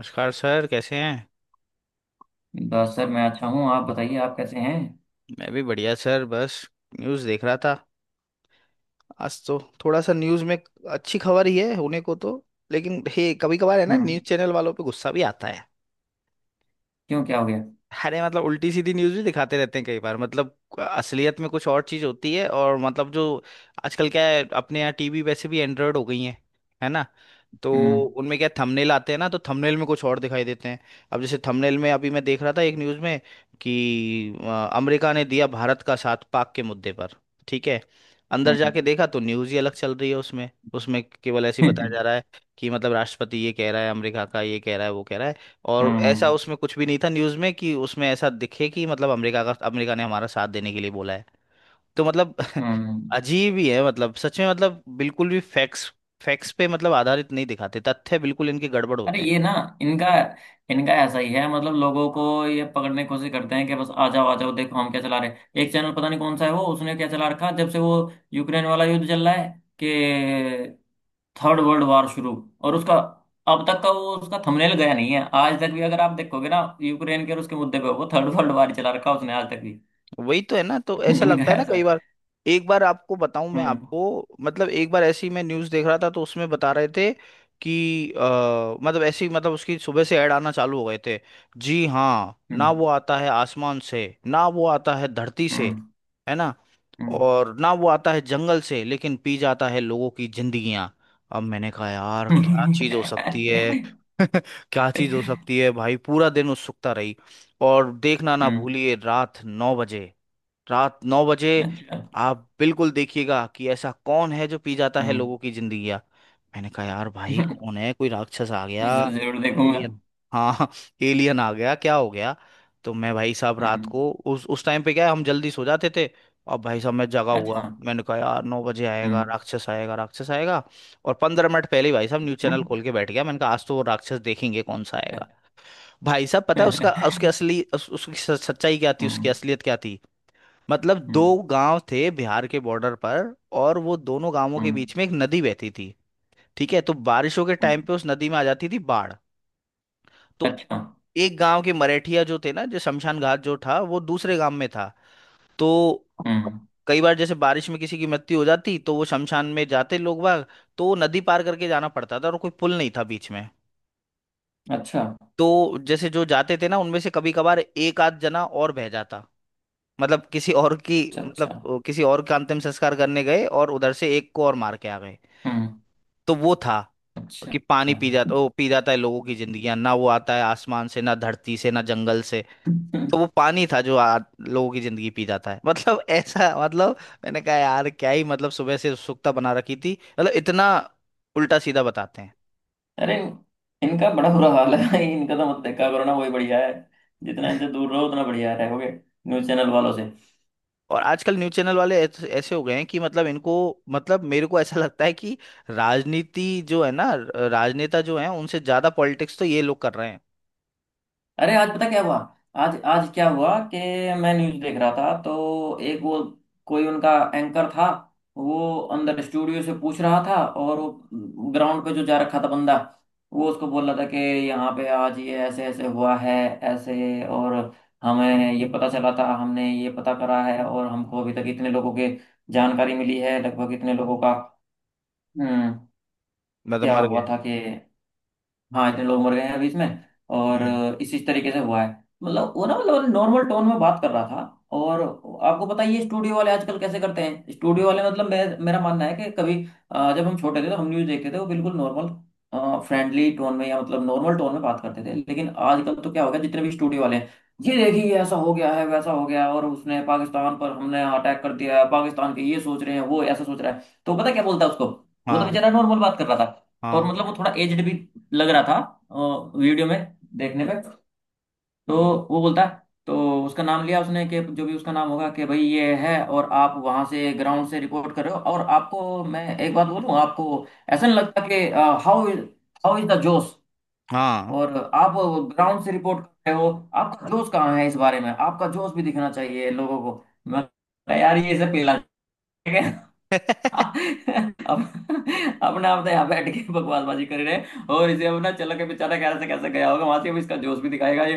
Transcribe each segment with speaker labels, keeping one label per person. Speaker 1: नमस्कार सर, कैसे हैं।
Speaker 2: बस सर मैं अच्छा हूँ। आप बताइए आप कैसे हैं?
Speaker 1: मैं भी बढ़िया सर, बस न्यूज़ देख रहा था। आज तो थोड़ा सा न्यूज़ में अच्छी खबर ही है होने को तो, लेकिन हे, कभी कभार है ना,
Speaker 2: हम्म।
Speaker 1: न्यूज़ चैनल वालों पे गुस्सा भी आता है।
Speaker 2: क्यों, क्या हो गया?
Speaker 1: अरे मतलब उल्टी सीधी न्यूज़ भी दिखाते रहते हैं कई बार, मतलब असलियत में कुछ और चीज़ होती है, और मतलब जो आजकल क्या है, अपने यहाँ टीवी वैसे भी एंड्रॉयड हो गई हैं, है ना। तो
Speaker 2: हम्म।
Speaker 1: उनमें क्या थंबनेल आते हैं ना, तो थंबनेल में कुछ और दिखाई देते हैं। अब जैसे थंबनेल में अभी मैं देख रहा था एक न्यूज़ में कि अमेरिका ने दिया भारत का साथ पाक के मुद्दे पर। ठीक है, अंदर
Speaker 2: हम्म।
Speaker 1: जाके देखा तो न्यूज़ ही अलग चल रही है उसमें। उसमें केवल ऐसे ही बताया जा रहा है कि मतलब राष्ट्रपति ये कह रहा है, अमेरिका का ये कह रहा है, वो कह रहा है। और ऐसा
Speaker 2: हम्म।
Speaker 1: उसमें कुछ भी नहीं था न्यूज़ में कि उसमें ऐसा दिखे कि मतलब अमेरिका का, अमेरिका ने हमारा साथ देने के लिए बोला है। तो मतलब।
Speaker 2: हम्म।
Speaker 1: अजीब ही है, मतलब सच में, मतलब बिल्कुल भी फैक्ट्स फैक्ट्स पे मतलब आधारित नहीं दिखाते, तथ्य बिल्कुल इनके गड़बड़
Speaker 2: अरे
Speaker 1: होते हैं।
Speaker 2: ये ना, इनका इनका ऐसा ही है। मतलब लोगों को ये पकड़ने की कोशिश करते हैं कि बस आ जाओ आ जाओ, देखो हम क्या चला रहे हैं। एक चैनल, पता नहीं कौन सा है वो, उसने क्या चला रखा। जब से वो यूक्रेन वाला युद्ध चल रहा है कि थर्ड वर्ल्ड वॉर शुरू, और उसका अब तक का वो, उसका थंबनेल गया नहीं है आज तक भी। अगर आप देखोगे ना यूक्रेन के और उसके मुद्दे पे, वो थर्ड वर्ल्ड वॉर चला रखा है उसने आज तक भी।
Speaker 1: वही तो है ना, तो ऐसा लगता
Speaker 2: इनका
Speaker 1: है ना
Speaker 2: ऐसा
Speaker 1: कई
Speaker 2: है।
Speaker 1: बार। एक बार आपको बताऊं। मैं
Speaker 2: हम्म।
Speaker 1: आपको मतलब एक बार ऐसी मैं न्यूज़ देख रहा था तो उसमें बता रहे थे कि मतलब ऐसी मतलब उसकी सुबह से ऐड आना चालू हो गए थे। जी हाँ, ना
Speaker 2: हम्म।
Speaker 1: वो आता है आसमान से, ना वो आता है धरती से।
Speaker 2: हम्म।
Speaker 1: है ना।
Speaker 2: हम्म।
Speaker 1: और ना वो आता है जंगल से, लेकिन पी जाता है लोगों की जिंदगियां। अब मैंने कहा यार क्या चीज हो सकती है। क्या चीज हो सकती है भाई। पूरा दिन उत्सुकता रही। और देखना ना
Speaker 2: हम्म,
Speaker 1: भूलिए रात 9 बजे। रात 9 बजे।
Speaker 2: अच्छा।
Speaker 1: आप बिल्कुल देखिएगा कि ऐसा कौन है जो पी जाता है
Speaker 2: हम्म।
Speaker 1: लोगों की जिंदगी। मैंने कहा यार भाई कौन है, कोई राक्षस आ गया।
Speaker 2: इसे जरूर देखूंगा।
Speaker 1: एलियन। हाँ एलियन आ गया, क्या हो गया। तो मैं भाई साहब रात
Speaker 2: हम्म।
Speaker 1: को उस टाइम पे क्या है, हम जल्दी सो जाते थे। अब भाई साहब मैं जगा
Speaker 2: अच्छा।
Speaker 1: हुआ, मैंने कहा यार 9 बजे आएगा
Speaker 2: हम्म।
Speaker 1: राक्षस, आएगा राक्षस आएगा। और 15 मिनट पहले ही भाई साहब न्यूज चैनल
Speaker 2: हम्म।
Speaker 1: खोल के बैठ गया, मैंने कहा आज तो वो राक्षस देखेंगे कौन सा आएगा। भाई साहब पता है
Speaker 2: हम्म।
Speaker 1: उसका उसकी असली उसकी सच्चाई क्या थी, उसकी असलियत क्या थी। मतलब दो
Speaker 2: हम्म,
Speaker 1: गांव थे बिहार के बॉर्डर पर। और वो दोनों गांवों के
Speaker 2: हम्म,
Speaker 1: बीच में एक नदी बहती थी। ठीक है, तो बारिशों के
Speaker 2: हम्म,
Speaker 1: टाइम पे उस नदी में आ जाती थी बाढ़। तो
Speaker 2: अच्छा।
Speaker 1: एक गांव के मरेठिया जो थे ना, जो शमशान घाट जो था वो दूसरे गांव में था। तो
Speaker 2: हम्म।
Speaker 1: कई बार जैसे बारिश में किसी की मृत्यु हो जाती तो वो शमशान में जाते लोग बाग। तो वो नदी पार करके जाना पड़ता था, और कोई पुल नहीं था बीच में।
Speaker 2: अच्छा,
Speaker 1: तो जैसे जो जाते थे ना, उनमें से कभी कभार एक आध जना और बह जाता। मतलब किसी और की
Speaker 2: अच्छा। अच्छा।
Speaker 1: मतलब किसी और का अंतिम संस्कार करने गए और उधर से एक को और मार के आ गए।
Speaker 2: हम्म।
Speaker 1: तो वो था
Speaker 2: अच्छा।
Speaker 1: कि पानी पी जाता, ओ पी जाता है लोगों की जिंदगियां, ना वो आता है आसमान से, ना धरती से, ना जंगल से। तो वो पानी था जो लोगों की जिंदगी पी जाता है। मतलब ऐसा मतलब। मैंने कहा यार क्या ही, मतलब सुबह से उत्सुकता बना रखी थी, मतलब इतना उल्टा सीधा बताते हैं।
Speaker 2: अरे, इनका बड़ा बुरा हाल है भाई। इनका तो मत देखा करो ना, वही बढ़िया है। जितना इनसे दूर रहो उतना बढ़िया रहोगे, न्यूज चैनल वालों से।
Speaker 1: और आजकल न्यूज़ चैनल वाले ऐसे हो गए हैं कि मतलब इनको, मतलब मेरे को ऐसा लगता है कि राजनीति जो है ना, राजनेता जो है उनसे ज्यादा पॉलिटिक्स तो ये लोग कर रहे हैं।
Speaker 2: अरे आज पता क्या हुआ। आज आज क्या हुआ कि मैं न्यूज़ देख रहा था, तो एक वो कोई उनका एंकर था, वो अंदर स्टूडियो से पूछ रहा था, और वो ग्राउंड पे जो जा रखा था बंदा, वो उसको बोल रहा था कि यहाँ पे आज ये ऐसे ऐसे हुआ है, ऐसे और हमें ये पता चला था, हमने ये पता करा है, और हमको अभी तक इतने लोगों के जानकारी मिली है, लगभग इतने लोगों का। हम्म।
Speaker 1: मैं तो
Speaker 2: क्या
Speaker 1: मर
Speaker 2: हुआ
Speaker 1: गए।
Speaker 2: था कि हाँ, इतने लोग मर गए हैं अभी इसमें, और
Speaker 1: हम्म।
Speaker 2: इसी तरीके से हुआ है। मतलब वो ना, मतलब नॉर्मल टोन में बात कर रहा था। और आपको पता ही है ये स्टूडियो वाले आजकल कैसे करते हैं। स्टूडियो वाले, मतलब मैं, मेरा मानना है कि कभी, जब हम छोटे थे तो हम न्यूज़ देखते थे, वो बिल्कुल नॉर्मल फ्रेंडली टोन में, या मतलब नॉर्मल टोन में बात करते थे। लेकिन आजकल तो क्या हो गया, जितने भी स्टूडियो वाले हैं, ये देखिए, ये ऐसा हो गया है, वैसा हो गया है, और उसने पाकिस्तान पर, हमने अटैक कर दिया है, पाकिस्तान के ये सोच रहे हैं, वो ऐसा सोच रहा है। तो पता क्या बोलता है उसको, वो तो
Speaker 1: हाँ,
Speaker 2: बेचारा नॉर्मल बात कर रहा था, और
Speaker 1: हाँ,
Speaker 2: मतलब वो थोड़ा एजड भी लग रहा था वीडियो में देखने पे। तो वो बोलता है, तो उसका नाम लिया उसने, कि जो भी उसका नाम होगा, कि भाई ये है, और आप वहां से ग्राउंड से रिपोर्ट कर रहे हो, और आपको मैं एक बात बोलूं, आपको ऐसा नहीं लगता कि how is how is the josh,
Speaker 1: हाँ
Speaker 2: और आप ग्राउंड से रिपोर्ट कर रहे हो, आपका जोश कहाँ है? इस बारे में आपका जोश भी दिखना चाहिए लोगों को। मैं कहा, यार ये सब पीला। अब अपना अपने यहाँ बैठ के बकवासबाजी कर रहे हैं, और इसे अब ना, चलो के बेचारा कैसे कैसे गया होगा वहां से, अब इसका जोश भी दिखाएगा ये।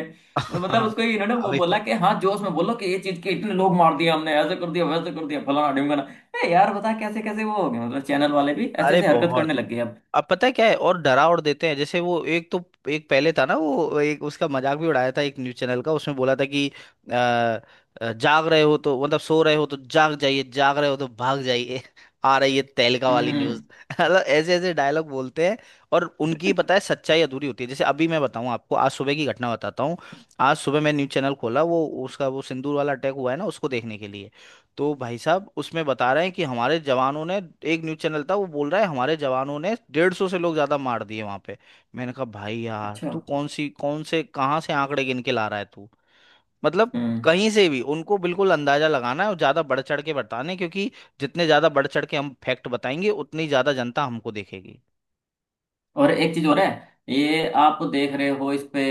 Speaker 2: वो मतलब
Speaker 1: हाँ।
Speaker 2: उसको ये इन्होंने वो
Speaker 1: अभी
Speaker 2: बोला
Speaker 1: पता।
Speaker 2: कि हाँ जोश में बोलो, कि ये चीज के इतने लोग मार दिए हमने, ऐसे कर दिया, वैसे कर दिया, फलाना ढिमकाना। ए यार, बता कैसे कैसे वो हो गए। मतलब चैनल वाले भी ऐसे
Speaker 1: अरे
Speaker 2: ऐसे हरकत
Speaker 1: बहुत।
Speaker 2: करने लग गए अब।
Speaker 1: अब पता है क्या है, और डरा और देते हैं। जैसे वो एक तो एक पहले था ना, वो एक उसका मजाक भी उड़ाया था, एक न्यूज चैनल का, उसमें बोला था कि जाग रहे हो तो मतलब सो रहे हो तो जाग जाइए, जाग रहे हो तो भाग जाइए। आ रही है तहलका वाली
Speaker 2: हम्म।
Speaker 1: न्यूज। मतलब ऐसे ऐसे डायलॉग बोलते हैं। और उनकी पता है सच्चाई अधूरी होती है। जैसे अभी मैं बताऊं आपको, आज सुबह की घटना बताता हूँ। आज सुबह मैं न्यूज चैनल खोला, वो उसका वो सिंदूर वाला अटैक हुआ है ना, उसको देखने के लिए। तो भाई साहब उसमें बता रहे हैं कि हमारे जवानों ने, एक न्यूज चैनल था वो बोल रहा है हमारे जवानों ने 150 से लोग ज्यादा मार दिए वहां पे। मैंने कहा भाई यार,
Speaker 2: अच्छा।
Speaker 1: तू कौन सी कौन से कहाँ से आंकड़े गिन के ला रहा है तू। मतलब
Speaker 2: हम्म।
Speaker 1: कहीं से भी उनको, बिल्कुल अंदाजा लगाना है और ज्यादा बढ़ चढ़ के बताने, क्योंकि जितने ज्यादा बढ़ चढ़ के हम फैक्ट बताएंगे उतनी ज्यादा जनता हमको देखेगी।
Speaker 2: और एक चीज और है। ये आप देख रहे हो इस पे,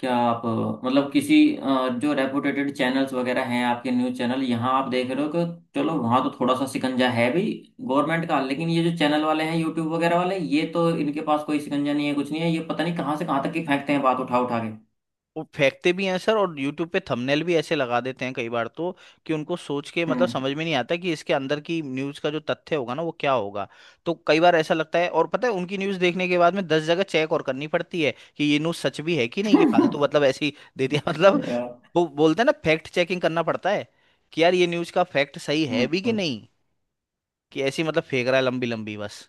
Speaker 2: क्या आप मतलब किसी जो रेपुटेटेड चैनल्स वगैरह हैं आपके न्यूज़ चैनल, यहाँ आप देख रहे हो कि चलो वहाँ तो थोड़ा सा शिकंजा है भी गवर्नमेंट का, लेकिन ये जो चैनल वाले हैं, यूट्यूब वगैरह वाले, ये तो इनके पास कोई शिकंजा नहीं है, कुछ नहीं है। ये पता नहीं कहाँ से कहाँ तक की फेंकते हैं बात उठा उठा के।
Speaker 1: वो फेंकते भी हैं सर, और यूट्यूब पे थंबनेल भी ऐसे लगा देते हैं कई बार तो, कि उनको सोच के मतलब
Speaker 2: हम्म।
Speaker 1: समझ में नहीं आता कि इसके अंदर की न्यूज़ का जो तथ्य होगा ना, वो क्या होगा। तो कई बार ऐसा लगता है, और पता है उनकी न्यूज़ देखने के बाद में 10 जगह चेक और करनी पड़ती है कि ये न्यूज़ सच भी है कि नहीं, कि फालतू मतलब ऐसी ही दे दिया। मतलब।
Speaker 2: यार,
Speaker 1: वो बोलते हैं ना, फैक्ट चेकिंग करना पड़ता है कि यार ये न्यूज़ का फैक्ट सही है भी कि
Speaker 2: हम्म,
Speaker 1: नहीं, कि ऐसी मतलब फेंक रहा है लंबी लंबी बस।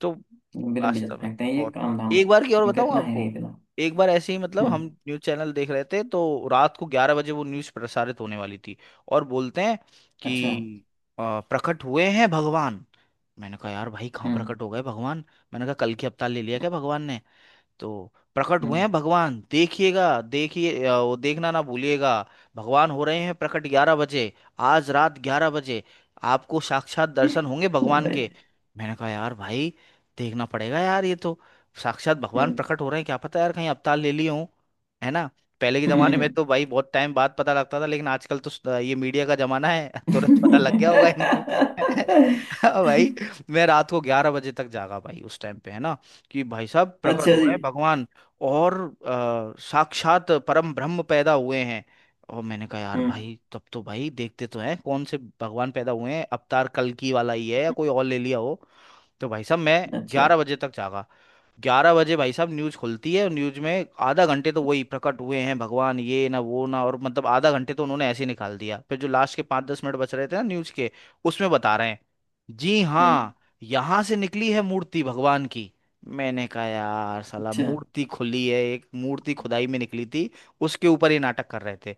Speaker 1: तो
Speaker 2: बिलम्बी जाते
Speaker 1: वास्तव में
Speaker 2: फेंकते हैं ये
Speaker 1: बहुत।
Speaker 2: काम धाम।
Speaker 1: एक बार की और
Speaker 2: इनका
Speaker 1: बताऊं
Speaker 2: इतना है
Speaker 1: आपको।
Speaker 2: नहीं इतना।
Speaker 1: एक बार ऐसे ही मतलब हम
Speaker 2: हम्म।
Speaker 1: न्यूज चैनल देख रहे थे, तो रात को 11 बजे वो न्यूज प्रसारित होने वाली थी। और बोलते हैं कि
Speaker 2: अच्छा।
Speaker 1: प्रकट हुए हैं भगवान। मैंने कहा यार भाई कहाँ
Speaker 2: हम्म।
Speaker 1: प्रकट हो गए भगवान। मैंने कहा कल की अवतार ले लिया क्या भगवान ने। तो प्रकट हुए
Speaker 2: हम्म।
Speaker 1: हैं भगवान देखिएगा, देखिए वो देखना ना भूलिएगा। भगवान हो रहे हैं प्रकट 11 बजे। आज रात 11 बजे। आपको साक्षात दर्शन होंगे भगवान
Speaker 2: भाई,
Speaker 1: के। मैंने कहा यार भाई, देखना पड़ेगा यार ये तो। साक्षात भगवान
Speaker 2: हम्म,
Speaker 1: प्रकट हो रहे हैं, क्या पता यार कहीं अवतार ले लिए हों। है ना। पहले के जमाने में
Speaker 2: हम्म,
Speaker 1: तो भाई बहुत टाइम बाद पता लगता था, लेकिन आजकल तो ये मीडिया का जमाना है। तुरंत पता लग गया होगा इनको। भाई।
Speaker 2: हम्म।
Speaker 1: मैं रात को 11 बजे तक जागा भाई, उस टाइम पे है ना, कि भाई साहब प्रकट
Speaker 2: अच्छा
Speaker 1: हो
Speaker 2: जी।
Speaker 1: रहे हैं भगवान। और साक्षात परम ब्रह्म पैदा हुए हैं। और मैंने कहा यार
Speaker 2: हम्म।
Speaker 1: भाई, तब तो भाई देखते तो हैं कौन से भगवान पैदा हुए हैं, अवतार कल्कि वाला ही है या कोई और ले लिया हो। तो भाई साहब मैं
Speaker 2: अच्छा।
Speaker 1: 11 बजे तक जागा। 11 बजे भाई साहब न्यूज़ खुलती है, और न्यूज़ में आधा घंटे तो वही प्रकट हुए हैं भगवान ये ना वो ना, और मतलब आधा घंटे तो उन्होंने ऐसे ही निकाल दिया। फिर जो लास्ट के 5-10 मिनट बच रहे थे ना न्यूज़ के, उसमें बता रहे हैं, जी
Speaker 2: हम्म।
Speaker 1: हाँ, यहाँ से निकली है मूर्ति भगवान की। मैंने कहा यार साला
Speaker 2: अच्छा।
Speaker 1: मूर्ति खुली है, एक मूर्ति खुदाई में निकली थी। उसके ऊपर ये नाटक कर रहे थे।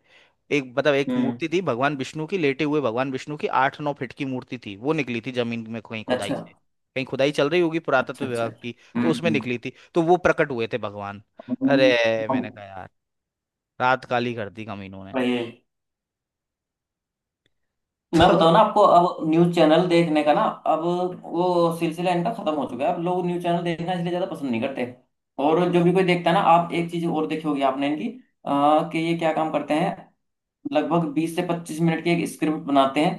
Speaker 1: एक मतलब एक
Speaker 2: हम्म।
Speaker 1: मूर्ति थी भगवान विष्णु की, लेटे हुए भगवान विष्णु की 8-9 फीट की मूर्ति थी, वो निकली थी जमीन में कहीं खुदाई
Speaker 2: अच्छा,
Speaker 1: से। कहीं खुदाई चल रही होगी पुरातत्व
Speaker 2: अच्छा। अच्छा।
Speaker 1: विभाग की। तो
Speaker 2: हम्म।
Speaker 1: उसमें निकली थी, तो वो प्रकट हुए थे भगवान। अरे।
Speaker 2: हम्म,
Speaker 1: मैंने कहा यार रात काली कर दी कमीनों ने।
Speaker 2: ये मैं
Speaker 1: तो
Speaker 2: बताऊँ ना आपको, अब न्यूज चैनल देखने का ना, अब वो सिलसिला इनका खत्म हो चुका है। अब लोग न्यूज चैनल देखना इसलिए ज्यादा पसंद नहीं करते। और जो भी कोई देखता है ना, आप एक चीज और देखी होगी आपने इनकी, कि ये क्या काम करते हैं। लगभग 20 से 25 मिनट की एक स्क्रिप्ट बनाते हैं,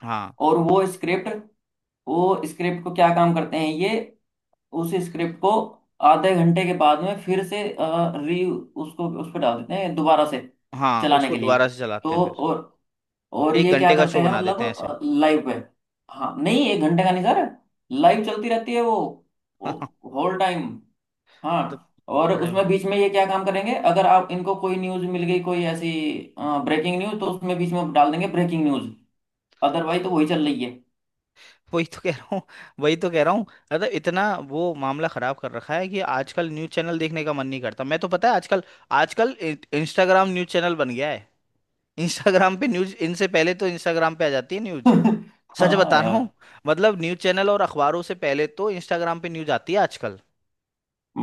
Speaker 1: हाँ।
Speaker 2: और वो स्क्रिप्ट, वो स्क्रिप्ट को क्या काम करते हैं ये, उस स्क्रिप्ट को आधे घंटे के बाद में फिर से री उसको, उस पर डाल देते हैं दोबारा से
Speaker 1: हाँ,
Speaker 2: चलाने
Speaker 1: उसको
Speaker 2: के लिए।
Speaker 1: दोबारा से चलाते
Speaker 2: तो
Speaker 1: हैं फिर।
Speaker 2: और
Speaker 1: एक
Speaker 2: ये क्या
Speaker 1: घंटे का
Speaker 2: करते
Speaker 1: शो
Speaker 2: हैं,
Speaker 1: बना देते हैं ऐसे।
Speaker 2: मतलब लाइव पे, हाँ नहीं एक घंटे का नहीं सर, लाइव चलती रहती है वो होल टाइम।
Speaker 1: मतलब
Speaker 2: हाँ, और
Speaker 1: बड़े।
Speaker 2: उसमें बीच में ये क्या काम करेंगे, अगर आप इनको कोई न्यूज मिल गई कोई ऐसी ब्रेकिंग न्यूज, तो उसमें बीच में डाल देंगे ब्रेकिंग न्यूज। अदरवाइज तो वही चल रही है।
Speaker 1: वही तो कह रहा हूँ। वही तो कह रहा हूँ, मतलब इतना वो मामला खराब कर रखा है कि आजकल न्यूज चैनल देखने का मन नहीं करता। मैं तो पता है आजकल, आजकल इंस्टाग्राम न्यूज चैनल बन गया है। इंस्टाग्राम पे न्यूज, इनसे पहले तो इंस्टाग्राम पे आ जाती है न्यूज। सच
Speaker 2: हाँ
Speaker 1: बता रहा हूँ।
Speaker 2: यार,
Speaker 1: मतलब न्यूज़ चैनल और अखबारों से पहले तो इंस्टाग्राम पे न्यूज़ आती है आजकल।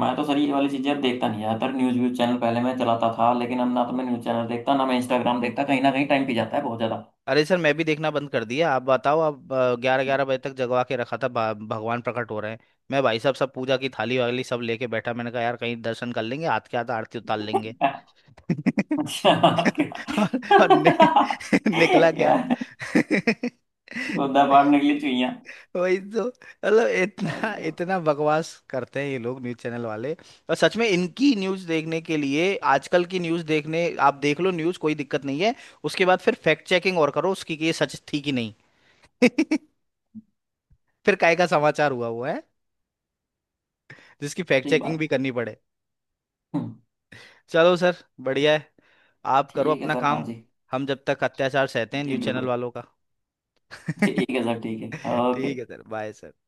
Speaker 2: मैं तो सर ये वाली चीजें अब देखता नहीं ज्यादातर। न्यूज व्यूज चैनल पहले मैं चलाता था, लेकिन अब ना तो मैं न्यूज चैनल देखता, ना मैं इंस्टाग्राम देखता। कहीं ना कहीं टाइम पी जाता है बहुत ज्यादा।
Speaker 1: अरे सर, मैं भी देखना बंद कर दिया। आप बताओ आप। ग्यारह ग्यारह बजे तक जगवा के रखा था, भगवान प्रकट हो रहे हैं। मैं भाई साहब सब पूजा की थाली वाली सब लेके बैठा, मैंने कहा यार कहीं दर्शन कर लेंगे, हाथ के हाथ आरती उतार लेंगे।
Speaker 2: अच्छा आपके-
Speaker 1: और निकला क्या।
Speaker 2: यार, खुदा पार निकली चुईया।
Speaker 1: वही तो मतलब
Speaker 2: भाई
Speaker 1: इतना
Speaker 2: साहब,
Speaker 1: इतना बकवास करते हैं ये लोग न्यूज़ चैनल वाले। और सच में इनकी न्यूज़ देखने के लिए, आजकल की न्यूज़ देखने आप देख लो न्यूज़, कोई दिक्कत नहीं है। उसके बाद फिर फैक्ट चेकिंग और करो उसकी कि ये सच थी कि नहीं। फिर काय का समाचार हुआ हुआ है जिसकी फैक्ट
Speaker 2: सही
Speaker 1: चेकिंग
Speaker 2: बात
Speaker 1: भी
Speaker 2: है।
Speaker 1: करनी पड़े।
Speaker 2: हम्म,
Speaker 1: चलो सर, बढ़िया है, आप करो
Speaker 2: ठीक है
Speaker 1: अपना
Speaker 2: सर। हाँ
Speaker 1: काम।
Speaker 2: जी।
Speaker 1: हम जब तक अत्याचार सहते हैं
Speaker 2: जी
Speaker 1: न्यूज़ चैनल
Speaker 2: बिल्कुल।
Speaker 1: वालों का।
Speaker 2: ठीक है सर। ठीक है,
Speaker 1: ठीक है
Speaker 2: ओके।
Speaker 1: Sir, bye sir.